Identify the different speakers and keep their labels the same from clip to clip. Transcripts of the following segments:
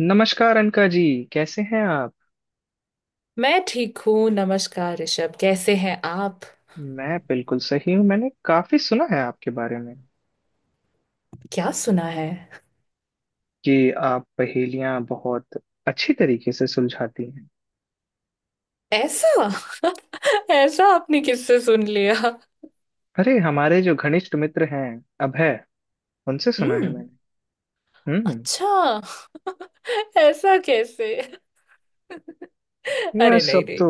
Speaker 1: नमस्कार अनका जी। कैसे हैं आप?
Speaker 2: मैं ठीक हूँ। नमस्कार ऋषभ, कैसे हैं आप?
Speaker 1: मैं बिल्कुल सही हूँ। मैंने काफी सुना है आपके बारे में,
Speaker 2: क्या सुना है?
Speaker 1: कि आप पहेलियां बहुत अच्छी तरीके से सुलझाती हैं।
Speaker 2: ऐसा? ऐसा आपने किससे सुन लिया?
Speaker 1: अरे, हमारे जो घनिष्ठ मित्र हैं अभय, उनसे सुना है
Speaker 2: हम्म।
Speaker 1: मैंने। हम्म।
Speaker 2: अच्छा। ऐसा कैसे?
Speaker 1: मैं
Speaker 2: अरे नहीं
Speaker 1: सब
Speaker 2: नहीं।
Speaker 1: तो,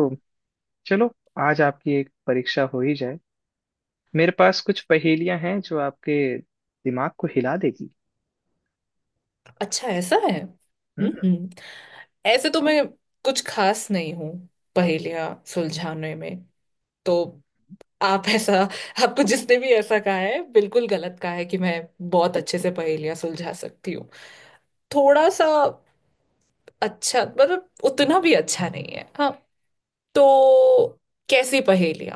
Speaker 1: चलो, आज आपकी एक परीक्षा हो ही जाए। मेरे पास कुछ पहेलियां हैं जो आपके दिमाग को हिला देगी।
Speaker 2: अच्छा ऐसा है।
Speaker 1: हम्म।
Speaker 2: ऐसे तो मैं कुछ खास नहीं हूँ पहेलियाँ सुलझाने में। तो आप ऐसा आपको जिसने भी ऐसा कहा है बिल्कुल गलत कहा है कि मैं बहुत अच्छे से पहेलियाँ सुलझा सकती हूँ। थोड़ा सा। अच्छा मतलब उतना भी अच्छा नहीं है, हाँ। तो कैसी पहेलियां?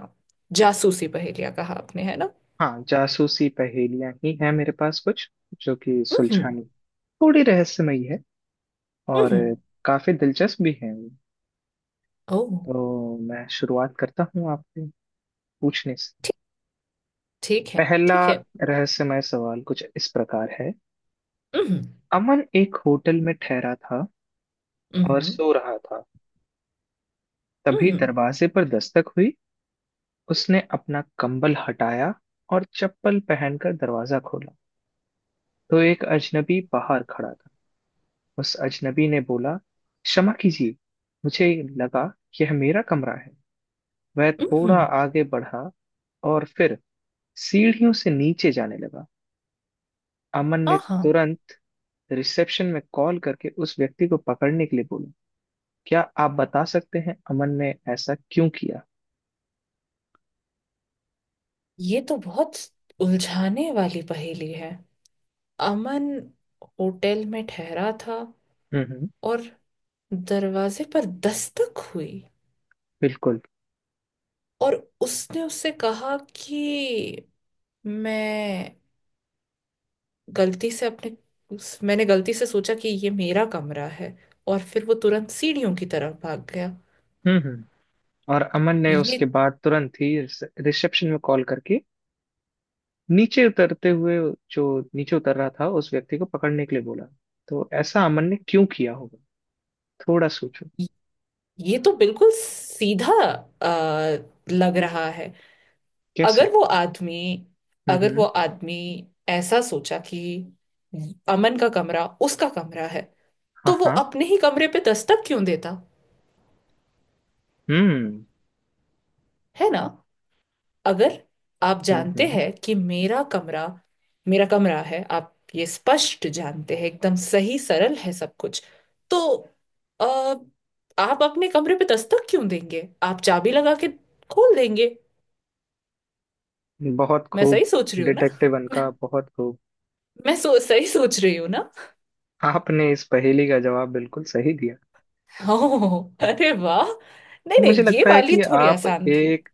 Speaker 2: जासूसी पहेलियां कहा आपने, है ना?
Speaker 1: हाँ, जासूसी पहेलियां ही हैं मेरे पास कुछ, जो कि
Speaker 2: हम्म।
Speaker 1: सुलझानी थोड़ी रहस्यमयी है, और
Speaker 2: हम्म।
Speaker 1: काफी दिलचस्प भी है।
Speaker 2: ओह।
Speaker 1: तो मैं शुरुआत करता हूँ आपसे पूछने से।
Speaker 2: ठीक। ठीक है।
Speaker 1: पहला
Speaker 2: ठीक है।
Speaker 1: रहस्यमय सवाल कुछ इस प्रकार है।
Speaker 2: हम्म।
Speaker 1: अमन एक होटल में ठहरा था और
Speaker 2: हम्म।
Speaker 1: सो रहा था, तभी
Speaker 2: हम्म।
Speaker 1: दरवाजे पर दस्तक हुई। उसने अपना कंबल हटाया और चप्पल पहनकर दरवाजा खोला, तो एक अजनबी बाहर खड़ा था। उस अजनबी ने बोला, क्षमा कीजिए, मुझे लगा यह मेरा कमरा है। वह थोड़ा
Speaker 2: हम्म।
Speaker 1: आगे बढ़ा और फिर सीढ़ियों से नीचे जाने लगा। अमन ने
Speaker 2: हाँ।
Speaker 1: तुरंत रिसेप्शन में कॉल करके उस व्यक्ति को पकड़ने के लिए बोला। क्या आप बता सकते हैं अमन ने ऐसा क्यों किया?
Speaker 2: ये तो बहुत उलझाने वाली पहेली है। अमन होटल में ठहरा था
Speaker 1: हम्म।
Speaker 2: और दरवाजे पर दस्तक हुई।
Speaker 1: बिल्कुल।
Speaker 2: और उसने उससे कहा कि मैं गलती से मैंने गलती से सोचा कि ये मेरा कमरा है। और फिर वो तुरंत सीढ़ियों की तरफ भाग गया।
Speaker 1: हम्म हम्म और अमन ने उसके
Speaker 2: ये...
Speaker 1: बाद तुरंत ही रिसेप्शन में कॉल करके, नीचे उतरते हुए जो नीचे उतर रहा था उस व्यक्ति को पकड़ने के लिए बोला। तो ऐसा अमन ने क्यों किया होगा? थोड़ा सोचो।
Speaker 2: ये तो बिल्कुल सीधा आ, लग रहा है। अगर
Speaker 1: कैसे?
Speaker 2: वो आदमी अगर वो
Speaker 1: हम्म।
Speaker 2: आदमी ऐसा सोचा कि अमन का कमरा उसका कमरा है,
Speaker 1: हाँ
Speaker 2: तो वो
Speaker 1: हाँ।
Speaker 2: अपने ही कमरे पे दस्तक क्यों देता?
Speaker 1: हम्म
Speaker 2: है ना? अगर आप
Speaker 1: हम्म।
Speaker 2: जानते
Speaker 1: हम्म।
Speaker 2: हैं कि मेरा कमरा है, आप ये स्पष्ट जानते हैं, एकदम सही, सरल है सब कुछ। तो अ, आप अपने कमरे पे दस्तक क्यों देंगे? आप चाबी लगा के खोल देंगे।
Speaker 1: बहुत
Speaker 2: मैं
Speaker 1: खूब,
Speaker 2: सही सोच रही हूँ ना?
Speaker 1: डिटेक्टिव
Speaker 2: मैं,
Speaker 1: अनका, बहुत खूब।
Speaker 2: मैं सही सोच रही हूँ ना?
Speaker 1: आपने इस पहेली का जवाब बिल्कुल सही दिया।
Speaker 2: ओह, अरे वाह! नहीं नहीं,
Speaker 1: मुझे
Speaker 2: ये
Speaker 1: लगता है
Speaker 2: वाली
Speaker 1: कि
Speaker 2: थोड़ी
Speaker 1: आप
Speaker 2: आसान थी।
Speaker 1: एक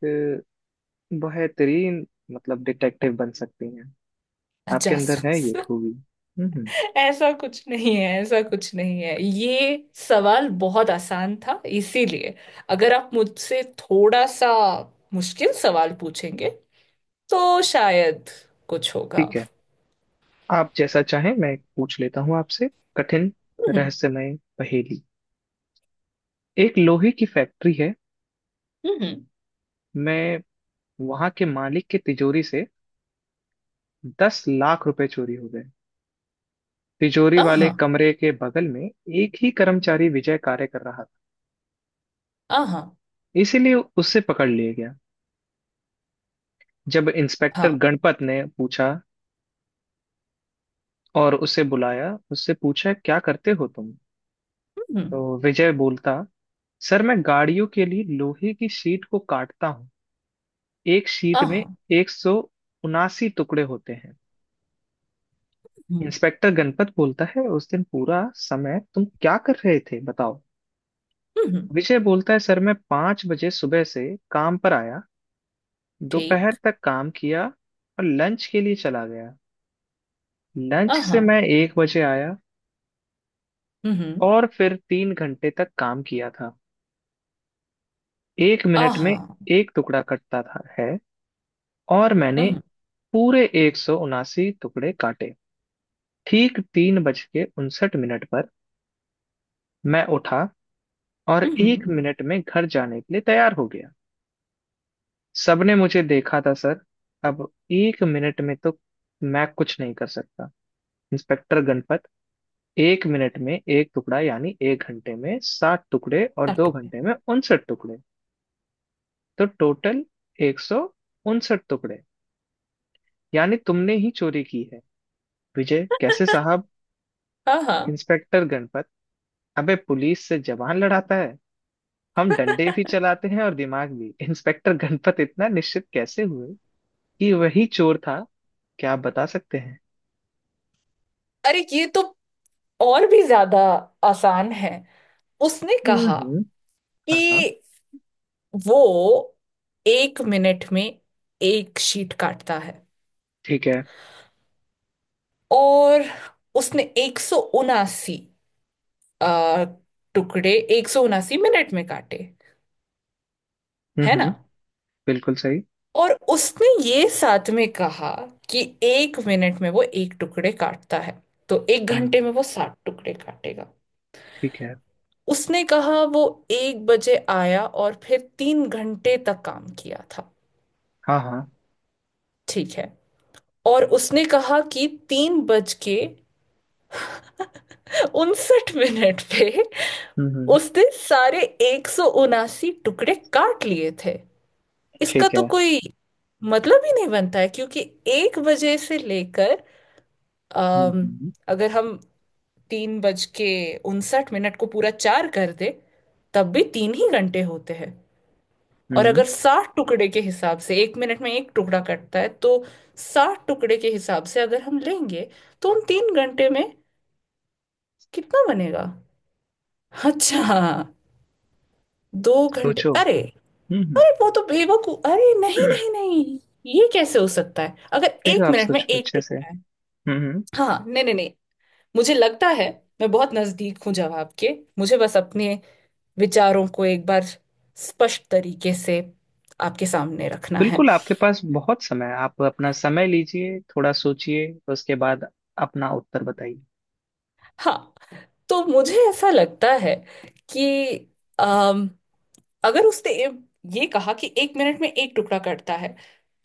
Speaker 1: बेहतरीन, मतलब डिटेक्टिव बन सकती हैं। आपके
Speaker 2: अच्छा।
Speaker 1: अंदर है ये खूबी। हम्म।
Speaker 2: ऐसा कुछ नहीं है, ऐसा कुछ नहीं है, ये सवाल बहुत आसान था इसीलिए। अगर आप मुझसे थोड़ा सा मुश्किल सवाल पूछेंगे तो शायद कुछ होगा।
Speaker 1: ठीक है। आप जैसा चाहें, मैं पूछ लेता हूँ आपसे कठिन
Speaker 2: हम्म।
Speaker 1: रहस्यमय पहेली। एक लोहे की फैक्ट्री है।
Speaker 2: हम्म।
Speaker 1: मैं वहां के मालिक की तिजोरी से 10 लाख रुपए चोरी हो गए। तिजोरी वाले
Speaker 2: आहा।
Speaker 1: कमरे के बगल में एक ही कर्मचारी विजय कार्य कर रहा
Speaker 2: आहा।
Speaker 1: था, इसीलिए उससे पकड़ लिया गया। जब इंस्पेक्टर
Speaker 2: हाँ।
Speaker 1: गणपत ने पूछा और उसे बुलाया, उससे पूछा, क्या करते हो तुम?
Speaker 2: हम्म।
Speaker 1: तो विजय बोलता, सर मैं गाड़ियों के लिए लोहे की शीट को काटता हूँ। एक शीट में
Speaker 2: आहा।
Speaker 1: 179 टुकड़े होते हैं।
Speaker 2: हम्म।
Speaker 1: इंस्पेक्टर गणपत बोलता है, उस दिन पूरा समय तुम क्या कर रहे थे, बताओ।
Speaker 2: हम्म।
Speaker 1: विजय बोलता है, सर मैं 5 बजे सुबह से काम पर आया, दोपहर
Speaker 2: ठीक।
Speaker 1: तक काम किया, और लंच के लिए चला गया। लंच
Speaker 2: आहा।
Speaker 1: से मैं 1 बजे आया,
Speaker 2: हम्म।
Speaker 1: और फिर 3 घंटे तक काम किया था। एक मिनट में
Speaker 2: आहा।
Speaker 1: एक टुकड़ा कटता था है, और मैंने
Speaker 2: हम्म।
Speaker 1: पूरे 179 टुकड़े काटे। ठीक 3:59 पर मैं उठा, और एक
Speaker 2: हम्म।
Speaker 1: मिनट में घर जाने के लिए तैयार हो गया। सबने मुझे देखा था सर। अब एक मिनट में तो मैं कुछ नहीं कर सकता। इंस्पेक्टर गणपत, एक मिनट में एक टुकड़ा, यानी एक घंटे में 7 टुकड़े, और दो
Speaker 2: काटो।
Speaker 1: घंटे में 59 टुकड़े। तो टोटल 159 टुकड़े, यानी तुमने ही चोरी की है। विजय, कैसे साहब?
Speaker 2: आहा।
Speaker 1: इंस्पेक्टर गणपत, अबे पुलिस से जबान लड़ाता है, हम डंडे भी चलाते हैं और दिमाग भी। इंस्पेक्टर गणपत इतना निश्चित कैसे हुए कि वही चोर था? क्या आप बता सकते हैं?
Speaker 2: अरे, ये तो और भी ज्यादा आसान है। उसने कहा
Speaker 1: हम्म। हाँ हाँ।
Speaker 2: कि वो एक मिनट में एक शीट काटता है।
Speaker 1: ठीक है।
Speaker 2: और उसने 179 टुकड़े 179 मिनट में काटे, है ना?
Speaker 1: हम्म। बिल्कुल सही।
Speaker 2: और उसने ये साथ में कहा कि एक मिनट में वो एक टुकड़े काटता है, तो एक घंटे
Speaker 1: हम्म।
Speaker 2: में वो 60 टुकड़े काटेगा।
Speaker 1: ठीक है।
Speaker 2: उसने कहा वो 1 बजे आया और फिर 3 घंटे तक काम किया था।
Speaker 1: हाँ हाँ।
Speaker 2: ठीक है। और उसने कहा कि तीन बज के 59 मिनट पे
Speaker 1: हम्म।
Speaker 2: उसने सारे 179 टुकड़े काट लिए थे। इसका
Speaker 1: ठीक
Speaker 2: तो
Speaker 1: है।
Speaker 2: कोई मतलब ही नहीं बनता है क्योंकि एक बजे से लेकर अम,
Speaker 1: हम्म।
Speaker 2: अगर हम तीन बज के उनसठ मिनट को पूरा चार कर दे, तब भी तीन ही घंटे होते हैं। और
Speaker 1: हम्म,
Speaker 2: अगर साठ टुकड़े के हिसाब से एक मिनट में एक टुकड़ा कटता है, तो साठ टुकड़े के हिसाब से अगर हम लेंगे, तो उन तीन घंटे में कितना बनेगा? अच्छा, 2 घंटे।
Speaker 1: सोचो।
Speaker 2: अरे,
Speaker 1: हम्म।
Speaker 2: अरे वो तो बेवकूफ, अरे नहीं नहीं नहीं, ये कैसे हो सकता है अगर
Speaker 1: फिर
Speaker 2: एक
Speaker 1: आप
Speaker 2: मिनट में
Speaker 1: सोचो
Speaker 2: एक
Speaker 1: अच्छे से।
Speaker 2: टुकड़ा है?
Speaker 1: हम्म।
Speaker 2: हाँ नहीं नहीं नहीं, मुझे लगता है मैं बहुत नजदीक हूँ जवाब के। मुझे बस अपने विचारों को एक बार स्पष्ट तरीके से आपके सामने रखना है।
Speaker 1: बिल्कुल, आपके पास बहुत समय है। आप अपना समय लीजिए, थोड़ा सोचिए, उसके बाद अपना उत्तर बताइए।
Speaker 2: हाँ। तो मुझे ऐसा लगता है कि अगर उसने ये कहा कि एक मिनट में एक टुकड़ा कटता है,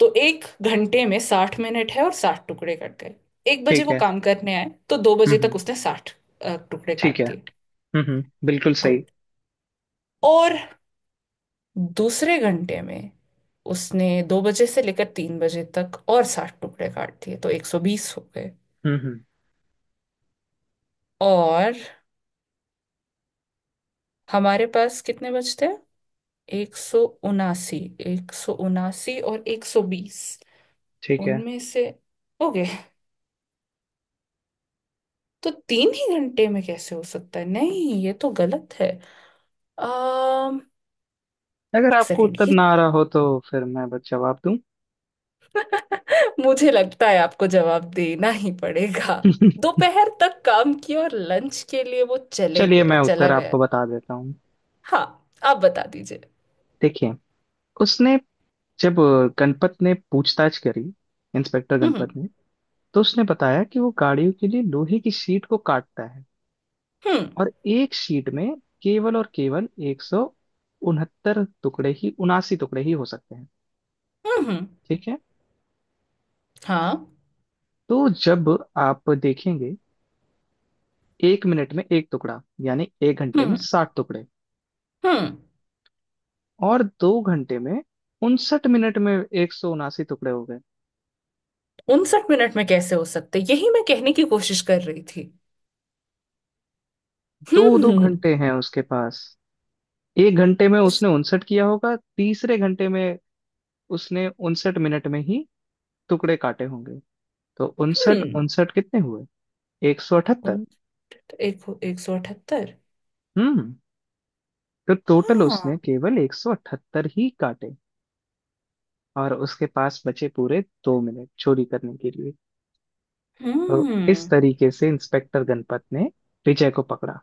Speaker 2: तो एक घंटे में 60 मिनट है और 60 टुकड़े कट गए। 1 बजे
Speaker 1: ठीक
Speaker 2: वो
Speaker 1: है।
Speaker 2: काम करने आए तो दो बजे तक
Speaker 1: हम्म।
Speaker 2: उसने 60 टुकड़े
Speaker 1: ठीक
Speaker 2: काट
Speaker 1: है।
Speaker 2: दिए।
Speaker 1: बिल्कुल
Speaker 2: गुड।
Speaker 1: सही।
Speaker 2: और दूसरे घंटे में उसने 2 बजे से लेकर 3 बजे तक और साठ टुकड़े काट दिए, तो 120 हो गए।
Speaker 1: हम्म।
Speaker 2: और हमारे पास कितने बचते हैं? 179। एक सौ उनासी और 120
Speaker 1: ठीक है।
Speaker 2: उनमें से हो गए, तो तीन ही घंटे में कैसे हो सकता है? नहीं, ये तो गलत है। अम
Speaker 1: अगर
Speaker 2: एक
Speaker 1: आपको
Speaker 2: सेकेंड।
Speaker 1: उत्तर
Speaker 2: ये
Speaker 1: ना आ रहा हो, तो फिर मैं बस जवाब दूं?
Speaker 2: तो मुझे लगता है आपको जवाब देना ही पड़ेगा। दोपहर तक काम किया और लंच के लिए वो चले
Speaker 1: चलिए, मैं
Speaker 2: गए चला
Speaker 1: उत्तर
Speaker 2: गया।
Speaker 1: आपको बता देता हूँ।
Speaker 2: हाँ, आप बता दीजिए।
Speaker 1: देखिए, उसने जब गणपत ने पूछताछ करी, इंस्पेक्टर
Speaker 2: हम्म।
Speaker 1: गणपत ने, तो उसने बताया कि वो गाड़ियों के लिए लोहे की शीट को काटता है।
Speaker 2: हम्म।
Speaker 1: और एक शीट में केवल और केवल एक सौ उनहत्तर टुकड़े ही, उनासी टुकड़े ही हो सकते हैं।
Speaker 2: हम्म। हम्म।
Speaker 1: ठीक है।
Speaker 2: हाँ।
Speaker 1: तो जब आप देखेंगे, एक मिनट में एक टुकड़ा, यानी एक घंटे में
Speaker 2: हम्म।
Speaker 1: 60 टुकड़े।
Speaker 2: हम्म।
Speaker 1: और दो घंटे में, 59 मिनट में, 179 टुकड़े हो गए।
Speaker 2: उनसठ मिनट में कैसे हो सकते, यही मैं कहने की कोशिश कर रही थी।
Speaker 1: दो दो
Speaker 2: हम्म।
Speaker 1: घंटे हैं उसके पास, एक घंटे में
Speaker 2: उस...
Speaker 1: उसने उनसठ किया होगा, तीसरे घंटे में उसने 59 मिनट में ही टुकड़े काटे होंगे। तो उनसठ
Speaker 2: हम्म।
Speaker 1: उनसठ कितने हुए? 178।
Speaker 2: उन... एक एक सौ अठहत्तर।
Speaker 1: हम्म। तो टोटल
Speaker 2: हाँ।
Speaker 1: उसने केवल 178 ही काटे, और उसके पास बचे पूरे 2 मिनट चोरी करने के लिए। तो इस
Speaker 2: हम्म।
Speaker 1: तरीके से इंस्पेक्टर गणपत ने विजय को पकड़ा।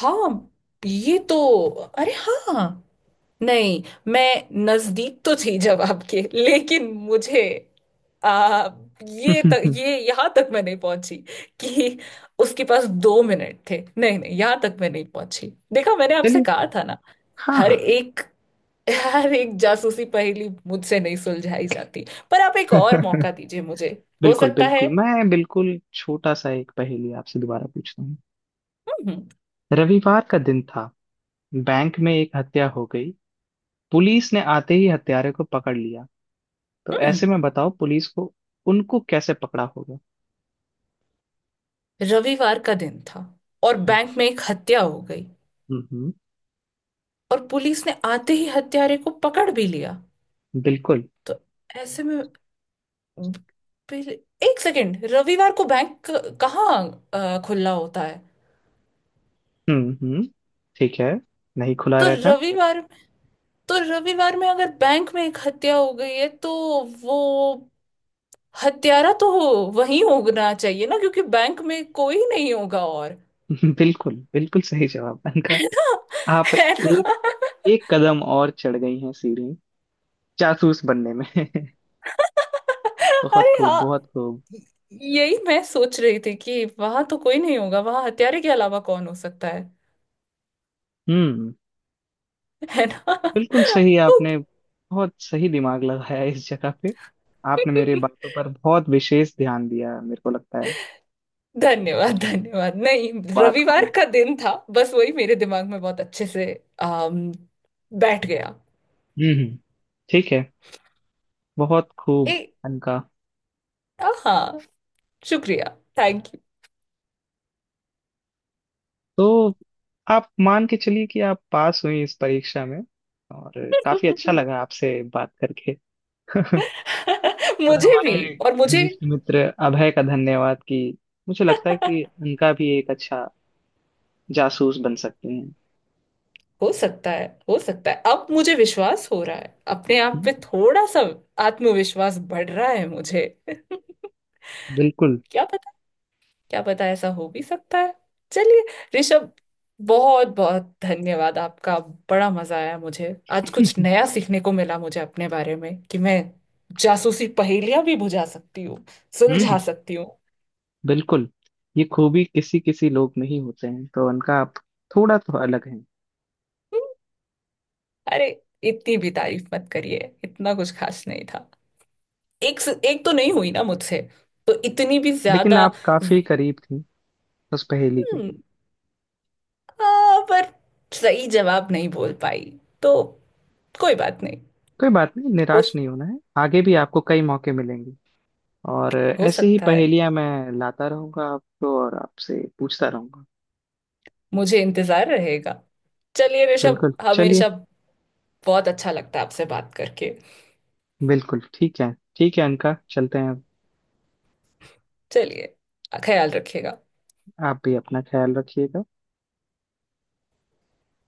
Speaker 2: हाँ, ये तो... अरे हाँ। नहीं, मैं नजदीक तो थी जवाब के लेकिन मुझे आ, ये तक
Speaker 1: चलिए।
Speaker 2: ये यहाँ तक मैं नहीं पहुंची। कि उसके पास 2 मिनट थे। नहीं नहीं, यहाँ तक मैं नहीं पहुंची। देखा, मैंने आपसे कहा था ना?
Speaker 1: हाँ
Speaker 2: हर
Speaker 1: हाँ।
Speaker 2: एक हर एक जासूसी पहेली मुझसे नहीं सुलझाई जाती। पर आप एक और मौका दीजिए मुझे। हो
Speaker 1: बिल्कुल
Speaker 2: सकता है।
Speaker 1: बिल्कुल, मैं बिल्कुल छोटा सा एक पहेली आपसे दोबारा पूछता हूँ।
Speaker 2: हम्म।
Speaker 1: रविवार का दिन था। बैंक में एक हत्या हो गई। पुलिस ने आते ही हत्यारे को पकड़ लिया। तो
Speaker 2: हम्म।
Speaker 1: ऐसे
Speaker 2: हम्म।
Speaker 1: में बताओ, पुलिस को, उनको कैसे पकड़ा होगा?
Speaker 2: रविवार का दिन था और बैंक में एक हत्या हो गई,
Speaker 1: हम्म।
Speaker 2: और पुलिस ने आते ही हत्यारे को पकड़ भी लिया।
Speaker 1: बिल्कुल।
Speaker 2: तो ऐसे में पहले- एक सेकेंड, रविवार को बैंक कहाँ खुला होता है?
Speaker 1: हम्म। ठीक है। नहीं खुला
Speaker 2: तो
Speaker 1: रहता।
Speaker 2: रविवार तो रविवार में अगर बैंक में एक हत्या हो गई है, तो वो हत्यारा तो वहीं होना चाहिए ना, क्योंकि बैंक में कोई नहीं होगा। और
Speaker 1: बिल्कुल बिल्कुल सही जवाब अनका। आप
Speaker 2: है
Speaker 1: एक,
Speaker 2: ना?
Speaker 1: एक कदम और चढ़ गई हैं सीढ़ी, जासूस बनने में। बहुत
Speaker 2: अरे
Speaker 1: खूब, बहुत
Speaker 2: हाँ,
Speaker 1: खूब।
Speaker 2: यही मैं सोच रही थी कि वहां तो कोई नहीं होगा, वहां हत्यारे के अलावा कौन हो सकता है?
Speaker 1: हम्म।
Speaker 2: है ना?
Speaker 1: बिल्कुल सही, आपने बहुत सही दिमाग लगाया इस जगह पे। आपने मेरे बातों पर बहुत विशेष ध्यान दिया, मेरे को लगता है,
Speaker 2: धन्यवाद धन्यवाद! नहीं,
Speaker 1: बात को।
Speaker 2: रविवार का दिन था, बस वही मेरे दिमाग में बहुत अच्छे से आम, बैठ गया।
Speaker 1: हम्म। ठीक है। बहुत
Speaker 2: ए
Speaker 1: खूब अनका।
Speaker 2: हाँ। शुक्रिया। Thank you.
Speaker 1: तो आप मान के चलिए कि आप पास हुई इस परीक्षा में। और काफी अच्छा लगा आपसे बात करके। और
Speaker 2: मुझे भी।
Speaker 1: हमारे
Speaker 2: और मुझे
Speaker 1: घनिष्ठ मित्र अभय का धन्यवाद, कि मुझे लगता है कि उनका भी एक अच्छा जासूस बन सकते हैं।
Speaker 2: हो सकता है, हो सकता है अब मुझे विश्वास हो रहा है अपने आप
Speaker 1: हम्म।
Speaker 2: पे। थोड़ा सा आत्मविश्वास बढ़ रहा है मुझे।
Speaker 1: बिल्कुल।
Speaker 2: क्या पता, क्या पता ऐसा हो भी सकता है। चलिए ऋषभ, बहुत बहुत धन्यवाद आपका। बड़ा मजा आया मुझे। आज कुछ नया सीखने को मिला मुझे अपने बारे में, कि मैं जासूसी पहेलियां भी बुझा सकती हूँ
Speaker 1: हम्म
Speaker 2: सुलझा सकती हूँ।
Speaker 1: बिल्कुल, ये खूबी किसी किसी लोग में ही होते हैं, तो उनका, आप थोड़ा तो अलग हैं।
Speaker 2: हम्म। अरे, इतनी भी तारीफ मत करिए, इतना कुछ खास नहीं था। एक तो नहीं हुई ना मुझसे, तो इतनी भी
Speaker 1: लेकिन
Speaker 2: ज्यादा...
Speaker 1: आप काफी
Speaker 2: हम्म।
Speaker 1: करीब थी उस पहेली के।
Speaker 2: पर सही जवाब नहीं बोल पाई, तो कोई बात नहीं।
Speaker 1: कोई बात नहीं,
Speaker 2: हो
Speaker 1: निराश नहीं होना है, आगे भी आपको कई मौके मिलेंगे। और
Speaker 2: हो
Speaker 1: ऐसे ही
Speaker 2: सकता है।
Speaker 1: पहेलियां मैं लाता रहूंगा आपको, और आपसे पूछता रहूंगा।
Speaker 2: मुझे इंतजार रहेगा। चलिए ऋषभ,
Speaker 1: बिल्कुल, चलिए।
Speaker 2: हमेशा बहुत अच्छा लगता है आपसे बात करके।
Speaker 1: बिल्कुल, ठीक है, ठीक है अनका, चलते हैं।
Speaker 2: चलिए, ख्याल रखिएगा।
Speaker 1: आप भी अपना ख्याल रखिएगा।